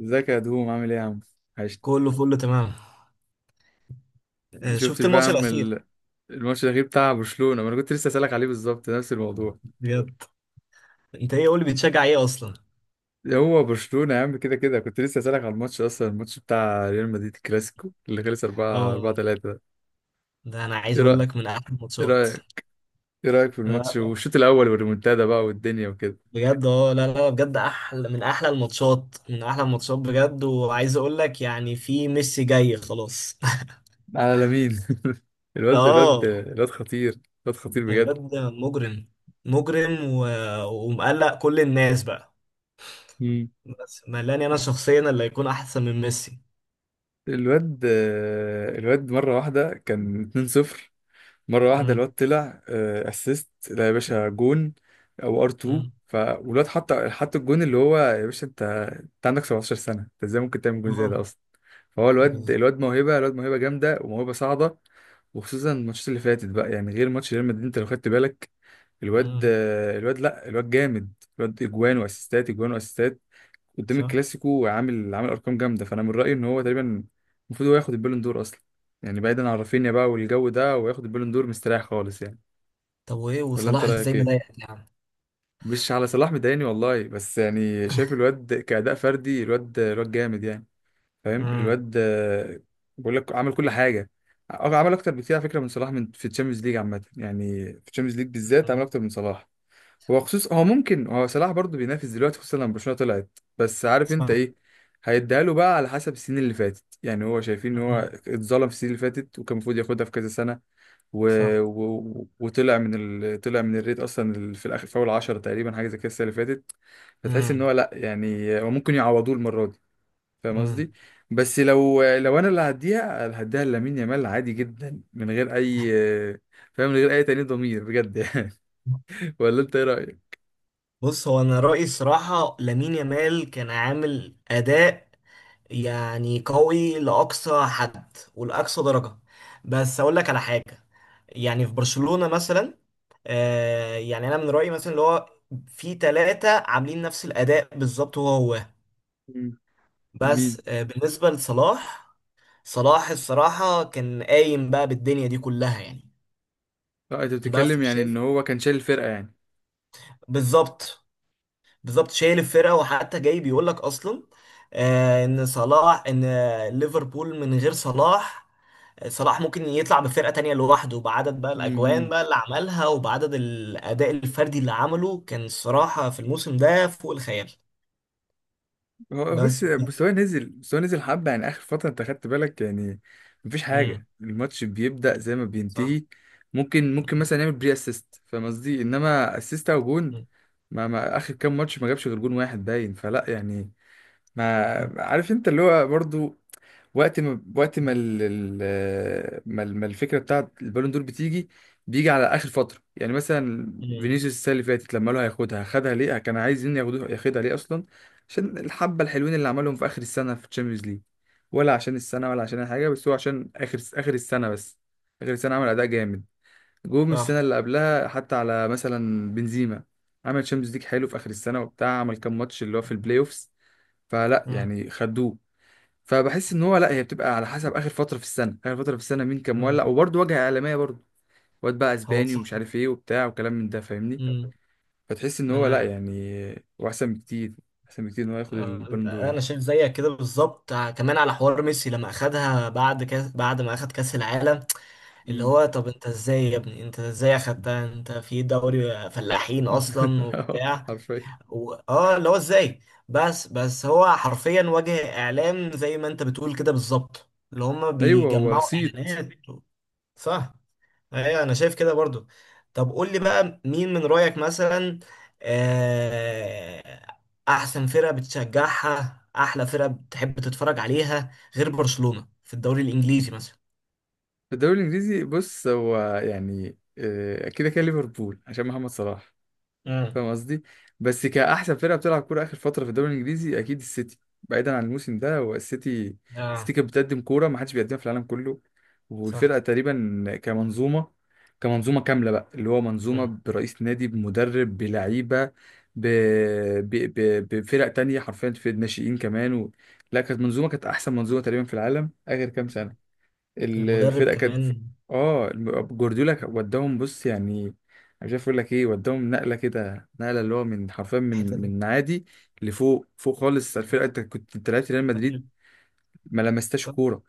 ازيك يا دوم عامل ايه يا عم؟ عشت. كله فل تمام. آه، شفت شفتش بقى يا الماتش عم الاخير؟ الماتش الأخير بتاع برشلونة؟ ما انا كنت لسه اسألك عليه بالظبط نفس الموضوع. بجد، انت ايه قول لي بتشجع ايه اصلا؟ هو برشلونة يا عم كده كده، كنت لسه اسألك على الماتش اصلا، الماتش بتاع ريال مدريد، الكلاسيكو اللي خلص 4 4 اه، 3 ده. ده انا عايز ايه اقول رأيك؟ لك من احلى ايه الماتشات. رأيك ايه رأيك في لا، الماتش لا، والشوط الأول والريمونتادا بقى والدنيا وكده؟ بجد اه لا لا بجد احلى من احلى الماتشات من احلى الماتشات بجد، وعايز اقول لك يعني في ميسي جاي خلاص. على لامين. الواد الواد اه، الواد خطير، الواد خطير بجد. الواد ده مجرم. مجرم و... ومقلق كل الناس بقى. مم. بس ملاني انا شخصيا اللي هيكون احسن من ميسي. الواد الواد مرة واحدة كان 2-0، مره واحده امم الواد طلع اسيست، لا يا باشا جون. او ار 2، امم فالواد حط الجون، اللي هو يا باشا انت، انت عندك 17 سنه، انت ازاي ممكن تعمل جون زي ده اه اصلا؟ فهو الواد، موهبه، الواد موهبه جامده وموهبه صاعده. وخصوصا الماتشات اللي فاتت بقى، يعني غير ماتش ريال مدريد انت لو خدت بالك الواد، امم. الواد لا، الواد جامد. الواد اجوان واسيستات، اجوان واسيستات قدام صح. الكلاسيكو، عامل ارقام جامده. فانا من رايي ان هو تقريبا المفروض هو ياخد البالون دور اصلا، يعني بعيدا عن رافينيا بقى والجو ده، وياخد البالون دور مستريح خالص يعني. طب وايه ولا انت وصلاح رايك ازاي ايه؟ مضايقك يا عم؟ مش على صلاح مضايقني والله، بس يعني شايف الواد كأداء فردي، الواد جامد يعني. فاهم؟ امم. الواد بقول لك عمل كل حاجه. عمل اكتر بكتير على فكره من صلاح، من في الشامبيونز ليج عامه، يعني في الشامبيونز ليج بالذات عمل اكتر من صلاح. هو صلاح برضه بينافس دلوقتي، خصوصا لما برشلونة طلعت، بس عارف انت صح. ايه؟ هيديها له بقى على حسب السنين اللي فاتت، يعني هو شايفين ان هو مم. اتظلم في السنين اللي فاتت وكان المفروض ياخدها في كذا سنة. و... صح. وطلع من طلع من الريت اصلا، في الاخر، في اول 10 تقريبا حاجة زي كده السنة اللي فاتت. فتحس ان هو امم لا يعني هو ممكن يعوضوه المرة دي. فاهم امم قصدي؟ بس لو انا اللي هديها، أنا هديها لامين يامال عادي جدا من غير اي، فاهم، من غير اي تأنيب ضمير بجد يعني. ولا انت ايه رأيك؟ بص، هو انا رأيي الصراحة لامين يامال كان عامل اداء يعني قوي لاقصى حد ولاقصى درجة. بس اقول لك على حاجة، يعني في برشلونة مثلا آه يعني انا من رأيي مثلا اللي هو في ثلاثة عاملين نفس الاداء بالظبط هو هو. مين؟ بس آه بالنسبة لصلاح، صلاح الصراحة كان قايم بقى بالدنيا دي كلها يعني. اه انت بس بتتكلم يعني شايف، ان هو كان شايل الفرقه يعني. بالظبط، بالظبط شايل الفرقه، وحتى جاي بيقول لك اصلا آه، ان صلاح ان آه، ليفربول من غير صلاح آه، صلاح ممكن يطلع بفرقه تانية لوحده بعدد بقى الاجوان امم. بقى اللي عملها وبعدد الاداء الفردي اللي عمله كان الصراحه في الموسم ده فوق الخيال. هو بس بس مستواه نزل، مستواه نزل حبه يعني اخر فتره انت خدت بالك يعني. مفيش امم. حاجه، الماتش بيبدا زي ما صح. بينتهي. ممكن مم. مثلا يعمل بري اسيست، فاهم قصدي، انما اسيست او جون. ما اخر كام ماتش ما جابش غير جون واحد باين، فلا يعني. ما صح. عارف انت اللي هو برضو وقت ما الفكره بتاعت البالون دور بتيجي، بيجي على اخر فتره يعني. مثلا مم. فينيسيوس السنه اللي فاتت لما قالوا هياخدها، خدها ليه؟ كان عايزين ياخدوها، ياخدها ليه اصلا؟ عشان الحبه الحلوين اللي عملهم في اخر السنه في الشامبيونز ليج؟ ولا عشان السنه؟ ولا عشان اي حاجه؟ بس هو عشان اخر السنه بس. اخر السنه عمل اداء جامد. جم السنه صح. اللي قبلها حتى على مثلا بنزيما، عمل شامبيونز ليج حلو في اخر السنه وبتاع، عمل كام ماتش اللي هو في البلاي اوفس، فلا مم. يعني خدوه. فبحس ان هو لا، هي بتبقى على حسب اخر فتره في السنه. اخر فتره في السنه مين كان مم. مولع، وبرضه واجهه اعلاميه برضه، واد بقى هو اسباني صح. ومش عارف ايه وبتاع وكلام من ده، فاهمني؟ مم. فتحس ان هو لا انا يعني هو احسن بكتير، احسن بكتير ان هو ياخد آه، البالون دور انا يعني. شايف زيك كده بالظبط، ع- كمان على حوار ميسي لما اخدها بعد كاس بعد ما اخد كاس العالم. اللي امم. هو طب انت ازاي يا ابني، انت ازاي اخدتها؟ انت في دوري فلاحين اصلا وبتاع حرفيا. و... اه اللي هو ازاي. بس بس هو حرفيا وجه اعلام زي ما انت بتقول كده بالظبط اللي هم ايوه هو بيجمعوا صيت. اعلانات. صح. ايوه انا شايف كده برضو. طب قول لي بقى مين من رأيك مثلا آه، احسن فرقة بتشجعها، احلى فرقة بتحب تتفرج عليها غير برشلونة في الدوري الانجليزي مثلا؟ في الدوري الانجليزي بص، هو يعني كده كده ليفربول عشان محمد صلاح، امم. فاهم قصدي. بس كأحسن فرقة بتلعب كورة آخر فترة في الدوري الإنجليزي أكيد السيتي، بعيدا عن الموسم ده، هو السيتي. السيتي اه. كانت بتقدم كورة ما حدش بيقدمها في العالم كله، صح. والفرقة تقريبا كمنظومة، كمنظومة كاملة بقى، اللي هو منظومة امم. برئيس نادي، بمدرب، بلعيبة، ب... ب... بفرق تانية حرفيا في الناشئين كمان لا كانت منظومة، كانت أحسن منظومة تقريبا في العالم آخر كام سنة. المدرب الفرقه كانت، كمان. اه جوارديولا كان وداهم بص يعني، مش عارف اقول لك ايه، وداهم نقله كده، نقله اللي هو من حرفيا حتة تانية. من عادي لفوق، فوق خالص. الفرقه انت كنت، انت لعبت ريال مدريد أيوة، ما لمستهاش صح. كوره.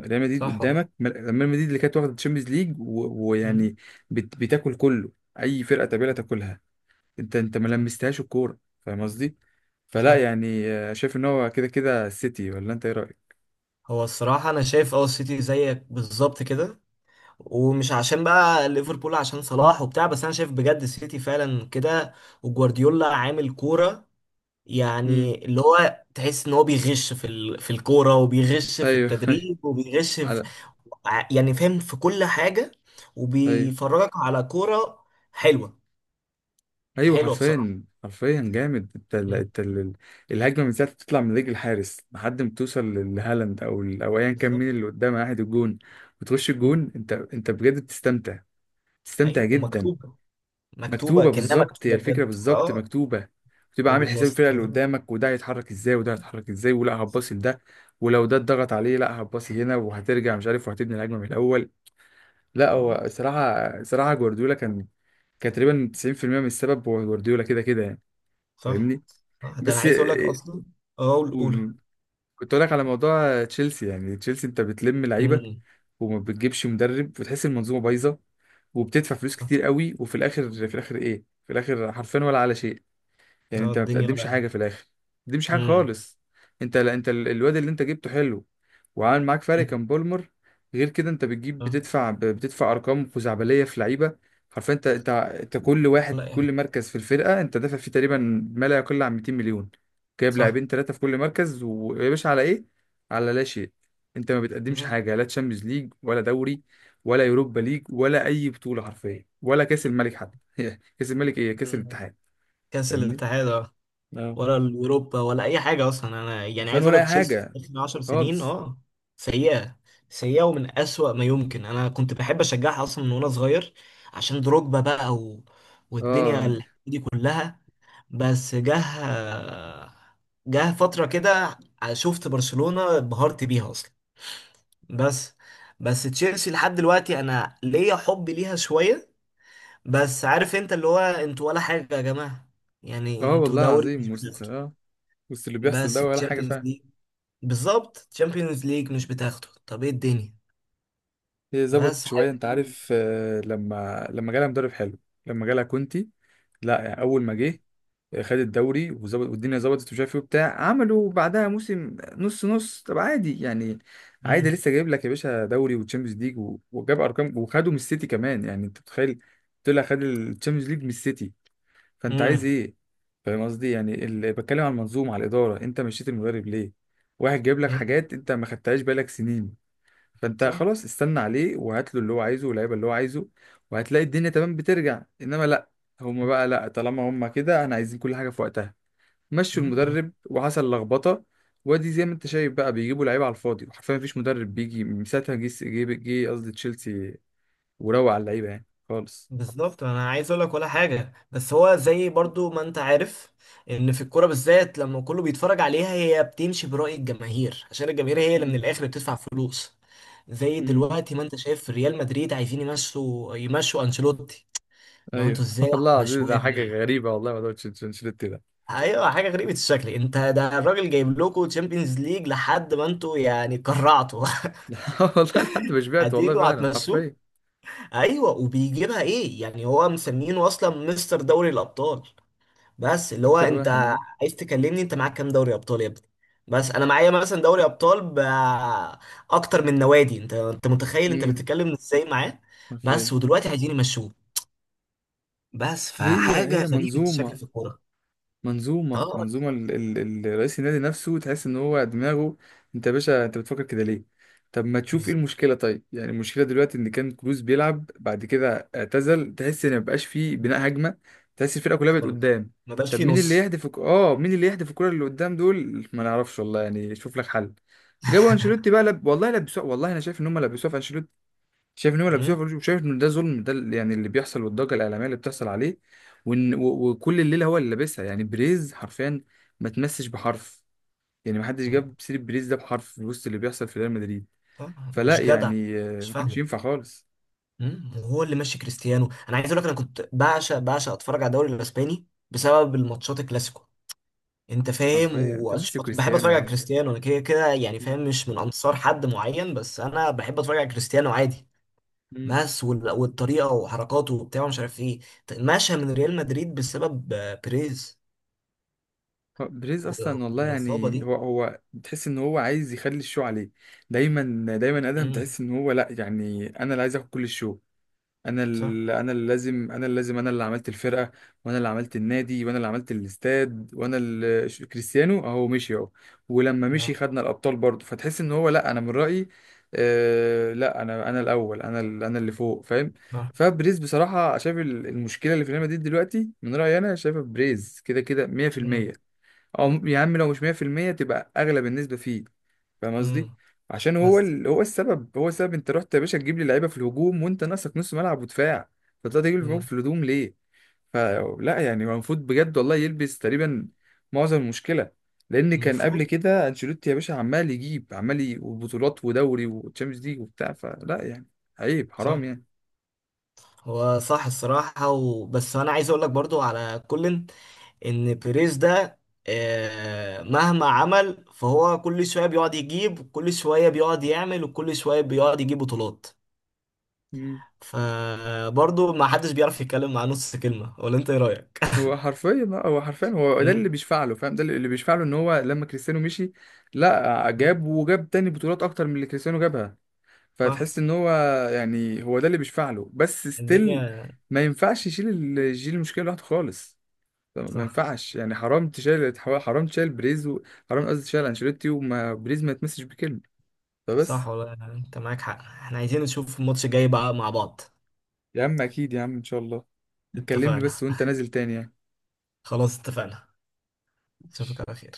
ريال مدريد صح والله. قدامك، ريال مدريد اللي كانت واخده تشامبيونز ليج مم. ويعني بتاكل كله، اي فرقه تقابلها تاكلها. انت ما صح. لمستهاش الكوره، فاهم قصدي. فلا صح. يعني شايف ان هو كده كده السيتي، ولا انت ايه رايك؟ هو الصراحة أنا شايف أه السيتي زيك بالظبط كده. ومش عشان بقى ليفربول عشان صلاح وبتاع، بس انا شايف بجد السيتي فعلا كده. وجوارديولا عامل كورة امم. يعني اللي هو تحس ان هو بيغش في ال... في الكورة وبيغش في ايوه. ايوه. التدريب وبيغش في على. ع- يعني فاهم في كل حاجة. ايوه. وبيفرجك على كورة حلوة. ايوه حلوة بصراحة. حرفيا، حرفيا جامد. مم. الهجمه من ساعه ما تطلع من رجل الحارس لحد ما توصل لهالاند او ايا كان بالظبط. مين اللي قدام واحد الجون، وتخش مم. الجون، انت بجد بتستمتع، بتستمتع ايوه جدا. ومكتوبة، مكتوبة مكتوبه كأنها بالظبط، هي مكتوبة الفكره بجد بالظبط اه. مكتوبه. بتبقى عامل حساب الفرقه اللي وبالمسطرة. قدامك، وده هيتحرك ازاي وده هيتحرك ازاي ولا صح. هتباصي لده، ولو ده اتضغط عليه لا هتباصي هنا وهترجع مش عارف وهتبني الهجمه من الاول. لا مم. هو صراحه، جوارديولا كان تقريبا 90% من السبب هو جوارديولا كده كده يعني، صح. فاهمني؟ صح. ده انا بس عايز اقول لك اصلا اه والاولى قول. كنت اقول لك على موضوع تشيلسي، يعني تشيلسي انت بتلم لعيبه وما بتجيبش مدرب وتحس المنظومه بايظه، وبتدفع فلوس اه كتير قوي، وفي الاخر، في الاخر حرفيا ولا على شيء، يعني اه، انت ما الدنيا ولا بتقدمش أي حاجه حاجة. في الاخر، ما بتقدمش حاجه امم. خالص. انت لا، انت الواد اللي انت جبته حلو وعامل معاك فرق أمم. كان بولمر، غير كده انت بتجيب، اه بتدفع بتدفع ارقام خزعبليه في لعيبه. حرفيا انت، كل ولا واحد، اي حاجة. كل مركز في الفرقه انت دافع فيه تقريبا ما لا يقل عن 200 مليون. جايب صح. لاعبين ثلاثه في كل مركز، ويا باشا على ايه؟ على لا شيء. انت ما بتقدمش أمم. حاجه، لا تشامبيونز ليج ولا دوري ولا يوروبا ليج ولا اي بطوله، حرفيا ولا كاس الملك حتى كاس الملك ايه، كاس الاتحاد. كاس فاهمني؟ الاتحاد اه، ولا اليوروبا ولا اي حاجة اصلا. انا يعني عارفين عايز اقول ولا لك اي تشيلسي في حاجه اخر 10 سنين خالص. اه سيئة. سيئة ومن أسوأ ما يمكن. انا كنت بحب اشجعها اصلا من وانا صغير عشان دروجبا بقى و... والدنيا اه. ال- دي كلها. بس جه، جه فترة كده شفت برشلونة انبهرت بيها اصلا. بس بس تشيلسي لحد دلوقتي انا ليا حب ليها شويه. بس عارف انت اللي هو انتوا ولا حاجه يا جماعه؟ يعني اه انتوا والله دوري العظيم مش وسط بتاخده، اه، وسط اللي بيحصل بس ده ولا حاجه، تشامبيونز فاهم؟ ليج، بالظبط تشامبيونز ليج مش بتاخده، طب ايه الدنيا؟ هي ظبطت بس شويه حاجه انت عارف، غريبة. لما جالها مدرب حلو، لما جالها كونتي، لا يعني اول ما جه خد الدوري وظبط والدنيا ظبطت ومش عارف ايه وبتاع، عملوا بعدها موسم نص نص، طب عادي يعني، عادي مم. لسه جايب لك يا باشا دوري وتشامبيونز ليج وجاب ارقام، وخدوا من السيتي كمان يعني، انت متخيل؟ طلع خد التشامبيونز ليج من السيتي، فانت عايز مم. ايه؟ فاهم قصدي يعني اللي بتكلم عن المنظومه على الاداره، انت مشيت المدرب ليه؟ واحد جايب لك مم. حاجات انت ما خدتهاش بالك سنين، فانت صح. خلاص استنى عليه وهات له اللي هو عايزه واللعيبه اللي هو عايزه، وهتلاقي الدنيا تمام بترجع. انما لا، هما بقى لا، طالما هما كده احنا عايزين كل حاجه في وقتها، مشوا مم. المدرب وحصل لخبطه، وادي زي ما انت شايف بقى بيجيبوا لعيبه على الفاضي، وحرفيا مفيش مدرب بيجي من ساعتها، جه قصدي تشيلسي، وروق على اللعيبه يعني خالص. بالظبط انا عايز اقول لك ولا حاجه، بس هو زي برضو ما انت عارف ان في الكوره بالذات لما كله بيتفرج عليها هي بتمشي برأي الجماهير عشان الجماهير هي اللي من مم. الاخر بتدفع فلوس. زي مم. دلوقتي ما انت شايف في ريال مدريد عايزين يمشوا، يمشوا انشيلوتي. لو ايوه. انتوا ازاي والله العظيم هتمشوه يا ده حاجه جماعه؟ غريبه، والله ما دوتش انشيلوتي ده. ايوه حاجه غريبه الشكل. انت ده الراجل جايب لكم تشامبيونز ليج لحد ما انتوا يعني كرعتوا. والله لحد ما شبعت والله، هتيجوا فعلا هتمشوه. حرفيا. ايوه، وبيجيبها ايه يعني هو مسمينه اصلا مستر دوري الابطال. بس اللي هو اكتر انت واحد، ها. عايز تكلمني انت معاك كام دوري ابطال يا ابني؟ بس انا معايا مثلا دوري ابطال ب اكتر من نوادي. انت انت متخيل انت امم. بتتكلم ازاي معاه؟ بس حرفيا. ودلوقتي عايزين يمشوه. بس هي فحاجه هي غريبه الشكل منظومه، في الكوره. منظومة، اه رئيس النادي نفسه تحس ان هو دماغه، انت يا باشا انت بتفكر كده ليه؟ طب ما تشوف ايه بالظبط. المشكلة طيب؟ يعني المشكلة دلوقتي ان كان كروس بيلعب بعد كده اعتزل، تحس ان مبقاش فيه بناء هجمة، تحس الفرقة كلها بقت خالص. قدام. ما بقاش طب فيه مين اللي نص. يهدف مين اللي يهدف الكرة اللي قدام دول؟ ما نعرفش والله، يعني شوف لك حل. جابوا انشيلوتي بقى والله لبسوه، والله انا شايف ان هم لبسوه في، شايف ان هو لابسوها مم. فلوس، وشايف ان ده ظلم، ده يعني اللي بيحصل والضجه الاعلاميه اللي بتحصل عليه، وكل الليله هو اللي لابسها يعني، بريز حرفيا ما تمسش بحرف، يعني ما حدش جاب سيره بريز ده بحرف في وسط اللي بيحصل في ريال مدريد. آه، فلا مش جدع. يعني مش ما كانش فاهمه. ينفع خالص. مم. وهو اللي ماشي كريستيانو، انا عايز اقول لك انا كنت بعشق بعشق اتفرج على الدوري الاسباني بسبب الماتشات الكلاسيكو، انت فاهم؟ حرفيا انت ميسي وبحب كريستيانو يا اتفرج على عم. كريستيانو. انا كده كده يعني مم. فاهم مش من انصار حد معين، بس انا بحب اتفرج على كريستيانو عادي، مم. ماس وال- والطريقه وحركاته وبتاع مش عارف ايه. مشى من ريال مدريد بسبب آه، بيريز هو بريز و- اصلا والله والاصابه يعني، دي. هو تحس ان هو عايز يخلي الشو عليه دايما، دايما ادهم، امم. تحس ان هو لا يعني انا اللي عايز اخد كل الشو، صح. انا اللي لازم، انا اللي عملت الفرقه، وانا اللي عملت النادي، وانا اللي عملت الاستاد، وانا اللي كريستيانو اهو مشي اهو، ولما مشي نعم. خدنا الابطال برضه، فتحس ان هو لا، انا من رايي آه لا، انا الاول، انا انا اللي فوق، فاهم؟ نعم. فبريز بصراحه شايف المشكله اللي في ريال مدريد دلوقتي من رايي انا شايفها بريز كده كده 100%، امم. او يا عم لو مش 100% تبقى اغلب النسبه فيه، فاهم قصدي. امم. عشان هو بس. هو السبب، هو السبب. انت رحت يا باشا تجيب لي لعيبه في الهجوم وانت ناقصك نص ملعب ودفاع، فطلعت تجيب لي امم. في الهجوم ليه؟ فلا يعني هو المفروض بجد والله يلبس تقريبا معظم المشكله، لان كان قبل المفروض. كده انشيلوتي يا باشا عمال يجيب، عمال وبطولات ودوري وتشامبيونز ليج وبتاع، فلا يعني عيب، حرام صح. يعني. هو صح الصراحه. وبس انا عايز اقول لك برضو على كولن ان بيريز ده آه، مهما عمل فهو كل شويه بيقعد يجيب، كل شويه بيقعد يعمل، وكل شويه بيقعد يجيب بطولات. مم. فبرضه ما حدش بيعرف يتكلم مع نص كلمه. ولا انت ايه رايك؟ هو حرفيا لا، هو حرفيا هو ده مم. اللي بيشفع له، فاهم؟ ده اللي بيشفع له ان هو لما كريستيانو مشي لا جاب، وجاب تاني بطولات اكتر من اللي كريستيانو جابها، صح. فتحس ان هو يعني هو ده اللي بيشفع له. بس ستيل الدنيا. ما ينفعش يشيل يشيل المشكله لوحده خالص، ما صح. ينفعش يعني. حرام تشيل، حرام تشيل بريز حرام قصدي تشيل انشيلوتي وما بريز ما يتمسش بكلمه، صح فبس. والله انت معاك حق. احنا عايزين نشوف الماتش الجاي بقى مع بعض. يا عم اكيد يا عم، ان شاء الله. كلمني اتفقنا. بس وانت نازل تاني يعني. خلاص اتفقنا. اشوفك على خير.